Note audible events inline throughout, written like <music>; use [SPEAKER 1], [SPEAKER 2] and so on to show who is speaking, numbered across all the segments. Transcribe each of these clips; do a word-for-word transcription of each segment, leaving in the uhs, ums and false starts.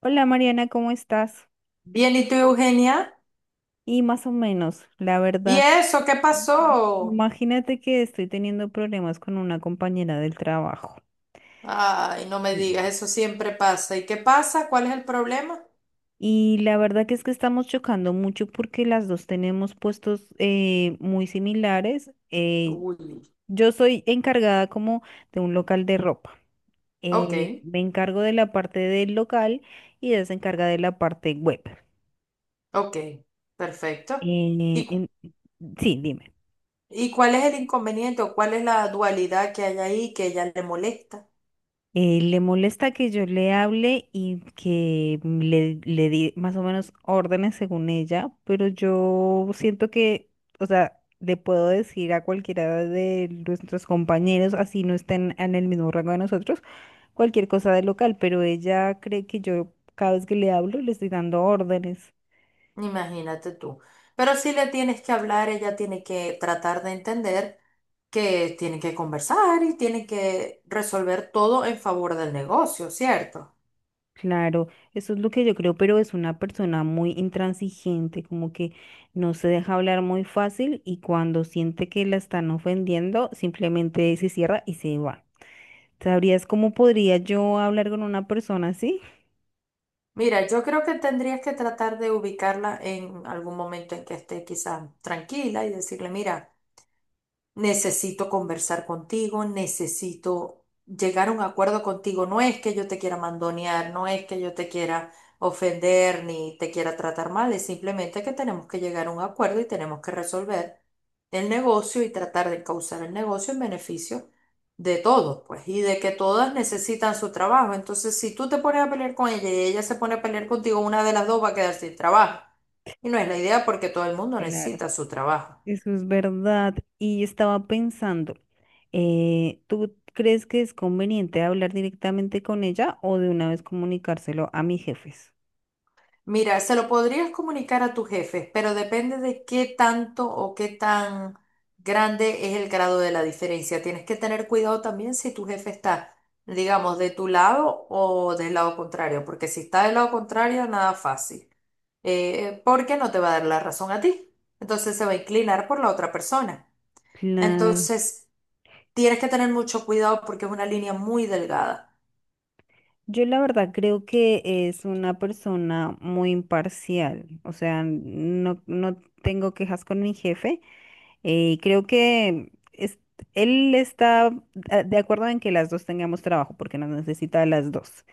[SPEAKER 1] Hola Mariana, ¿cómo estás?
[SPEAKER 2] Bien, ¿y tú, Eugenia?
[SPEAKER 1] Y más o menos, la
[SPEAKER 2] ¿Y
[SPEAKER 1] verdad,
[SPEAKER 2] eso qué pasó?
[SPEAKER 1] imagínate que estoy teniendo problemas con una compañera del trabajo.
[SPEAKER 2] Ay, no me
[SPEAKER 1] Y
[SPEAKER 2] digas, eso siempre pasa. ¿Y qué pasa? ¿Cuál es el problema?
[SPEAKER 1] y la verdad que es que estamos chocando mucho porque las dos tenemos puestos eh, muy similares. Eh,
[SPEAKER 2] Uy,
[SPEAKER 1] yo soy encargada como de un local de ropa. Eh,
[SPEAKER 2] ok,
[SPEAKER 1] me encargo de la parte del local y ella se encarga de la parte web.
[SPEAKER 2] ok, perfecto.
[SPEAKER 1] Eh,
[SPEAKER 2] ¿Y,
[SPEAKER 1] en- Sí, dime.
[SPEAKER 2] y cuál es el inconveniente o cuál es la dualidad que hay ahí que ella le molesta?
[SPEAKER 1] Eh, le molesta que yo le hable y que le, le di más o menos órdenes según ella, pero yo siento que, o sea, le puedo decir a cualquiera de nuestros compañeros, así no estén en el mismo rango de nosotros, cualquier cosa del local, pero ella cree que yo cada vez que le hablo le estoy dando órdenes.
[SPEAKER 2] Imagínate tú. Pero si le tienes que hablar, ella tiene que tratar de entender que tienen que conversar y tienen que resolver todo en favor del negocio, ¿cierto?
[SPEAKER 1] Claro, eso es lo que yo creo, pero es una persona muy intransigente, como que no se deja hablar muy fácil y cuando siente que la están ofendiendo, simplemente se cierra y se va. ¿Sabrías cómo podría yo hablar con una persona así?
[SPEAKER 2] Mira, yo creo que tendrías que tratar de ubicarla en algún momento en que esté quizá tranquila y decirle, mira, necesito conversar contigo, necesito llegar a un acuerdo contigo. No es que yo te quiera mandonear, no es que yo te quiera ofender ni te quiera tratar mal, es simplemente que tenemos que llegar a un acuerdo y tenemos que resolver el negocio y tratar de causar el negocio en beneficio de todos, pues, y de que todas necesitan su trabajo. Entonces, si tú te pones a pelear con ella y ella se pone a pelear contigo, una de las dos va a quedar sin trabajo. Y no es la idea porque todo el mundo
[SPEAKER 1] Claro.
[SPEAKER 2] necesita su trabajo.
[SPEAKER 1] Eso es verdad. Y estaba pensando, eh, ¿tú crees que es conveniente hablar directamente con ella o de una vez comunicárselo a mis jefes?
[SPEAKER 2] Mira, se lo podrías comunicar a tus jefes, pero depende de qué tanto o qué tan grande es el grado de la diferencia. Tienes que tener cuidado también si tu jefe está, digamos, de tu lado o del lado contrario, porque si está del lado contrario, nada fácil, eh, porque no te va a dar la razón a ti. Entonces se va a inclinar por la otra persona.
[SPEAKER 1] Claro.
[SPEAKER 2] Entonces, tienes que tener mucho cuidado porque es una línea muy delgada.
[SPEAKER 1] Yo la verdad creo que es una persona muy imparcial, o sea, no, no tengo quejas con mi jefe. eh, creo que es- Él está a- de acuerdo en que las dos tengamos trabajo porque nos necesita a las dos.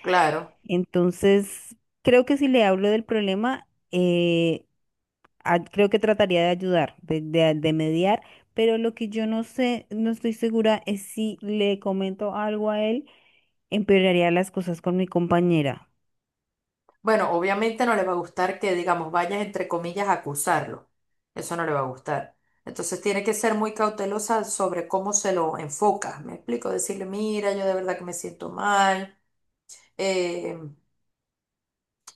[SPEAKER 2] Claro.
[SPEAKER 1] Entonces, creo que si le hablo del problema, eh, a- creo que trataría de ayudar, de, de de mediar, pero lo que yo no sé, no estoy segura es si le comento algo a él empeoraría las cosas con mi compañera.
[SPEAKER 2] Bueno, obviamente no le va a gustar que, digamos, vayas entre comillas a acusarlo. Eso no le va a gustar. Entonces tiene que ser muy cautelosa sobre cómo se lo enfoca. Me explico, decirle, mira, yo de verdad que me siento mal, eh,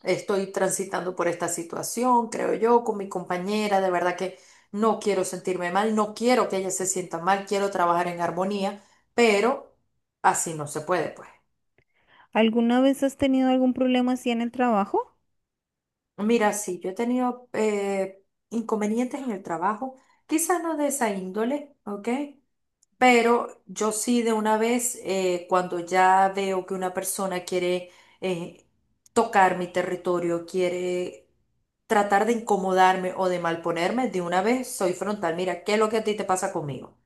[SPEAKER 2] estoy transitando por esta situación, creo yo, con mi compañera, de verdad que no quiero sentirme mal, no quiero que ella se sienta mal, quiero trabajar en armonía, pero así no se puede, pues.
[SPEAKER 1] ¿Alguna vez has tenido algún problema así en el trabajo?
[SPEAKER 2] Mira, sí, yo he tenido eh, inconvenientes en el trabajo, quizás no de esa índole, ¿ok? Pero yo sí de una vez, eh, cuando ya veo que una persona quiere eh, tocar mi territorio, quiere tratar de incomodarme o de malponerme, de una vez soy frontal. Mira, ¿qué es lo que a ti te pasa conmigo?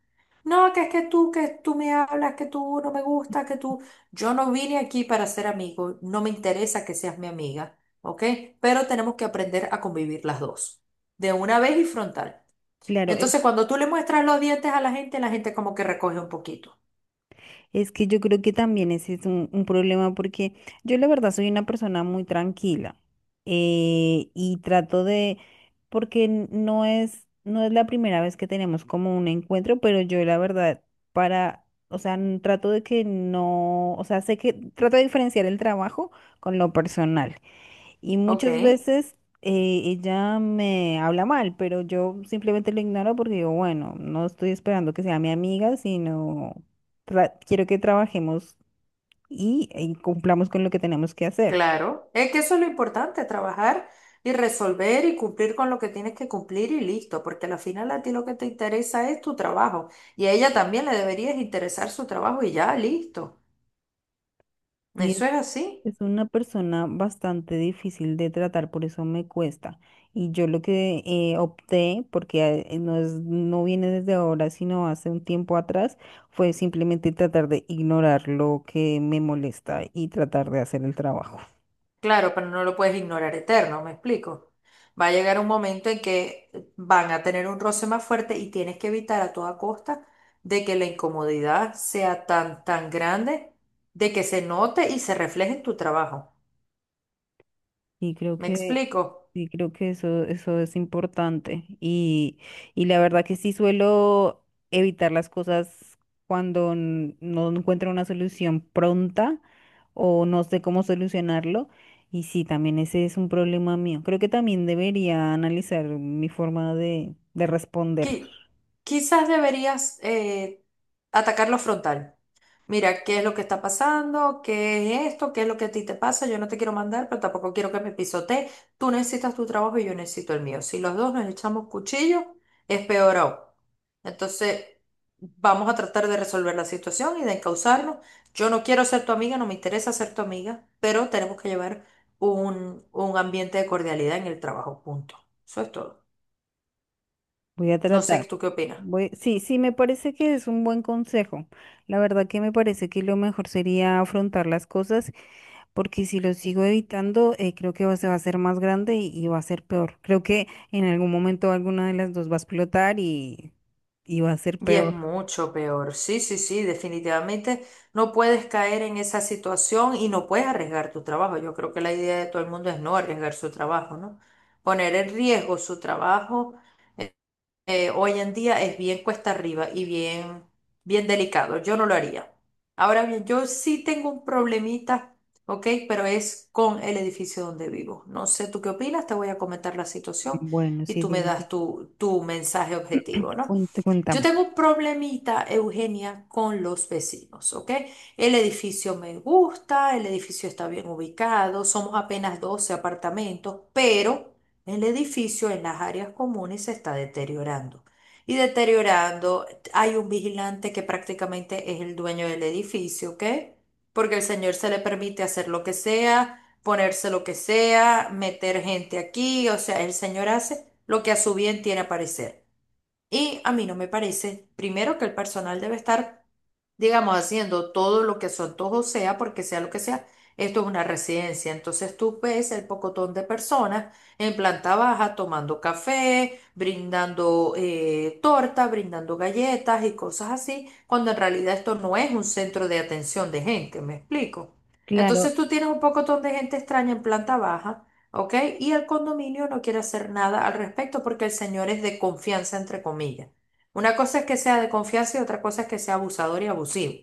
[SPEAKER 2] No, que es que tú, que tú me hablas, que tú no me gustas, que tú... Yo no vine aquí para ser amigo, no me interesa que seas mi amiga, ¿ok? Pero tenemos que aprender a convivir las dos, de una vez y frontal.
[SPEAKER 1] Claro, es,
[SPEAKER 2] Entonces, cuando tú le muestras los dientes a la gente, la gente como que recoge un poquito,
[SPEAKER 1] es que yo creo que también ese es un, un problema porque yo la verdad soy una persona muy tranquila. Eh, y trato de, porque n- no es, no es la primera vez que tenemos como un encuentro, pero yo la verdad para, o sea, n- trato de que no, o sea, sé que trato de diferenciar el trabajo con lo personal. Y
[SPEAKER 2] ¿ok?
[SPEAKER 1] muchas veces eh, ella me habla mal, pero yo simplemente lo ignoro porque digo, bueno, no estoy esperando que sea mi amiga, sino tra- quiero que trabajemos y, y cumplamos con lo que tenemos que hacer.
[SPEAKER 2] Claro, es que eso es lo importante, trabajar y resolver y cumplir con lo que tienes que cumplir y listo, porque al final a ti lo que te interesa es tu trabajo y a ella también le deberías interesar su trabajo y ya, listo.
[SPEAKER 1] Sí, es
[SPEAKER 2] Eso es así,
[SPEAKER 1] es una persona bastante difícil de tratar, por eso me cuesta. Y yo lo que eh, opté, porque eh, eh, no es, no viene desde ahora, sino hace un tiempo atrás, fue simplemente tratar de ignorar lo que me molesta y tratar de hacer el trabajo.
[SPEAKER 2] claro, pero no lo puedes ignorar eterno, ¿me explico? Va a llegar un momento en que van a tener un roce más fuerte y tienes que evitar a toda costa de que la incomodidad sea tan, tan grande, de que se note y se refleje en tu trabajo.
[SPEAKER 1] Y creo
[SPEAKER 2] ¿Me
[SPEAKER 1] que,
[SPEAKER 2] explico?
[SPEAKER 1] y creo que eso, eso es importante. Y, y la verdad que sí suelo evitar las cosas cuando n- no encuentro una solución pronta o no sé cómo solucionarlo. Y sí, también ese es un problema mío. Creo que también debería analizar mi forma de, de responder.
[SPEAKER 2] Qui- quizás deberías eh, atacarlo frontal. Mira, ¿qué es lo que está pasando? ¿Qué es esto? ¿Qué es lo que a ti te pasa? Yo no te quiero mandar, pero tampoco quiero que me pisotee. Tú necesitas tu trabajo y yo necesito el mío. Si los dos nos echamos cuchillo, es peor aún. Entonces, vamos a tratar de resolver la situación y de encauzarnos. Yo no quiero ser tu amiga, no me interesa ser tu amiga, pero tenemos que llevar un, un ambiente de cordialidad en el trabajo, punto. Eso es todo.
[SPEAKER 1] Voy a
[SPEAKER 2] No sé,
[SPEAKER 1] tratar.
[SPEAKER 2] ¿tú qué opinas?
[SPEAKER 1] Voy... Sí, sí, me parece que es un buen consejo. La verdad que me parece que lo mejor sería afrontar las cosas, porque si lo sigo evitando, eh, creo que va- se va a hacer más grande y, y va a ser peor. Creo que en algún momento alguna de las dos va a explotar y, y va a ser
[SPEAKER 2] Y es
[SPEAKER 1] peor.
[SPEAKER 2] mucho peor. Sí, sí, sí, definitivamente no puedes caer en esa situación y no puedes arriesgar tu trabajo. Yo creo que la idea de todo el mundo es no arriesgar su trabajo, ¿no? Poner en riesgo su trabajo eh, hoy en día es bien cuesta arriba y bien, bien delicado. Yo no lo haría. Ahora bien, yo sí tengo un problemita, ¿ok? Pero es con el edificio donde vivo. No sé tú qué opinas, te voy a comentar la
[SPEAKER 1] Mm,
[SPEAKER 2] situación
[SPEAKER 1] bueno,
[SPEAKER 2] y
[SPEAKER 1] sí,
[SPEAKER 2] tú me
[SPEAKER 1] dime, que-
[SPEAKER 2] das tu, tu mensaje objetivo, ¿no?
[SPEAKER 1] cuente-
[SPEAKER 2] Yo
[SPEAKER 1] cuéntame.
[SPEAKER 2] tengo un problemita, Eugenia, con los vecinos, ¿ok? El edificio me gusta, el edificio está bien ubicado, somos apenas doce apartamentos, pero el edificio en las áreas comunes se está deteriorando. Y deteriorando, hay un vigilante que prácticamente es el dueño del edificio, ¿ok? Porque el señor se le permite hacer lo que sea, ponerse lo que sea, meter gente aquí, o sea, el señor hace lo que a su bien tiene a parecer. Y a mí no me parece, primero, que el personal debe estar, digamos, haciendo todo lo que su antojo sea, porque sea lo que sea, esto es una residencia. Entonces tú ves el pocotón de personas en planta baja tomando café, brindando eh, torta, brindando galletas y cosas así, cuando en realidad esto no es un centro de atención de gente, ¿me explico?
[SPEAKER 1] Claro,
[SPEAKER 2] Entonces tú tienes un pocotón de gente extraña en planta baja, ¿ok? Y el condominio no quiere hacer nada al respecto porque el señor es de confianza, entre comillas. Una cosa es que sea de confianza y otra cosa es que sea abusador y abusivo.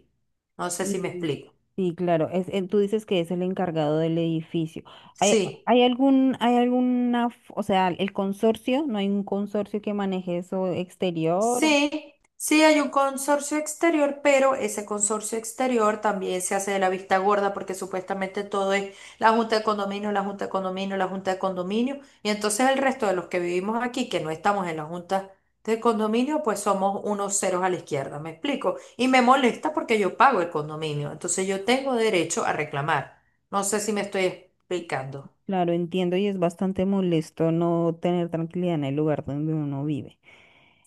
[SPEAKER 2] No sé si me
[SPEAKER 1] y
[SPEAKER 2] explico.
[SPEAKER 1] sí, claro, es, eh, tú dices que es el encargado del edificio. ¿Hay,
[SPEAKER 2] Sí.
[SPEAKER 1] hay algún, hay alguna, f- o sea, el consorcio, no hay un consorcio que maneje eso exterior?
[SPEAKER 2] Sí, sí hay un consorcio exterior, pero ese consorcio exterior también se hace de la vista gorda porque supuestamente todo es la junta de condominio, la junta de condominio, la junta de condominio. Y entonces el resto de los que vivimos aquí, que no estamos en la junta de condominio, pues somos unos ceros a la izquierda, ¿me explico? Y me molesta porque yo pago el condominio, entonces yo tengo derecho a reclamar. No sé si me estoy explicando.
[SPEAKER 1] Claro, entiendo y es bastante molesto no tener tranquilidad en el lugar donde uno vive.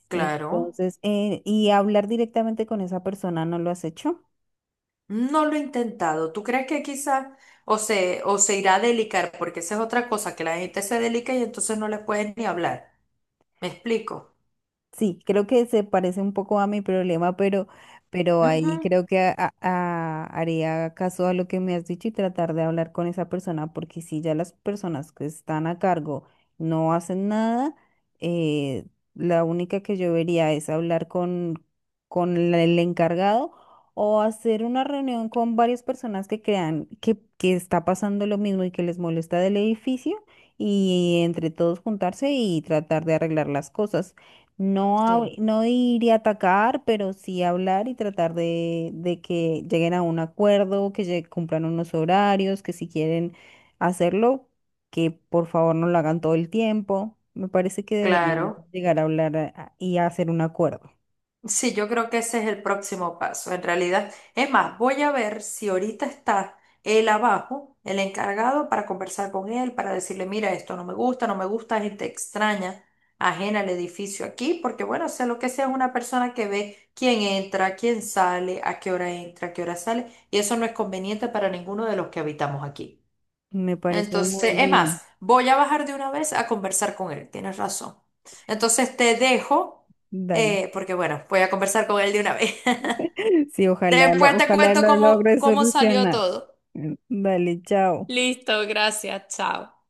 [SPEAKER 2] Claro.
[SPEAKER 1] Entonces, eh, y hablar directamente con esa persona, ¿no lo has hecho?
[SPEAKER 2] No lo he intentado. ¿Tú crees que quizá o se, o se irá a delicar? Porque esa es otra cosa, que la gente se delica y entonces no le puedes ni hablar. ¿Me explico?
[SPEAKER 1] Sí, creo que se parece un poco a mi problema, pero, pero
[SPEAKER 2] Ujú.
[SPEAKER 1] ahí creo que a- a- haría caso a lo que me has dicho y tratar de hablar con esa persona, porque si ya las personas que están a cargo no hacen nada, eh, la única que yo vería es hablar con, con la- el encargado o hacer una reunión con varias personas que crean que, que está pasando lo mismo y que les molesta del edificio y entre todos juntarse y tratar de arreglar las cosas. No,
[SPEAKER 2] Sí,
[SPEAKER 1] hab- no ir y atacar, pero sí hablar y tratar de, de que lleguen a un acuerdo, que lle- cumplan unos horarios, que si quieren hacerlo, que por favor no lo hagan todo el tiempo. Me parece que deberían
[SPEAKER 2] claro.
[SPEAKER 1] llegar a hablar a- a- y a hacer un acuerdo.
[SPEAKER 2] Sí, yo creo que ese es el próximo paso. En realidad, es más, voy a ver si ahorita está él abajo, el encargado, para conversar con él, para decirle, mira, esto no me gusta, no me gusta, gente extraña, ajena al edificio aquí, porque bueno, sea lo que sea, es una persona que ve quién entra, quién sale, a qué hora entra, a qué hora sale, y eso no es conveniente para ninguno de los que habitamos aquí.
[SPEAKER 1] Me parece
[SPEAKER 2] Entonces,
[SPEAKER 1] muy
[SPEAKER 2] es
[SPEAKER 1] bien.
[SPEAKER 2] más, voy a bajar de una vez a conversar con él, tienes razón. Entonces te dejo,
[SPEAKER 1] Dale.
[SPEAKER 2] eh, porque bueno, voy a conversar con él de una vez.
[SPEAKER 1] <laughs> Sí,
[SPEAKER 2] <laughs>
[SPEAKER 1] ojalá lo,
[SPEAKER 2] Después te
[SPEAKER 1] ojalá
[SPEAKER 2] cuento
[SPEAKER 1] lo
[SPEAKER 2] cómo,
[SPEAKER 1] logre
[SPEAKER 2] cómo salió
[SPEAKER 1] solucionar.
[SPEAKER 2] todo.
[SPEAKER 1] Mm, dale, chao.
[SPEAKER 2] Listo, gracias, chao.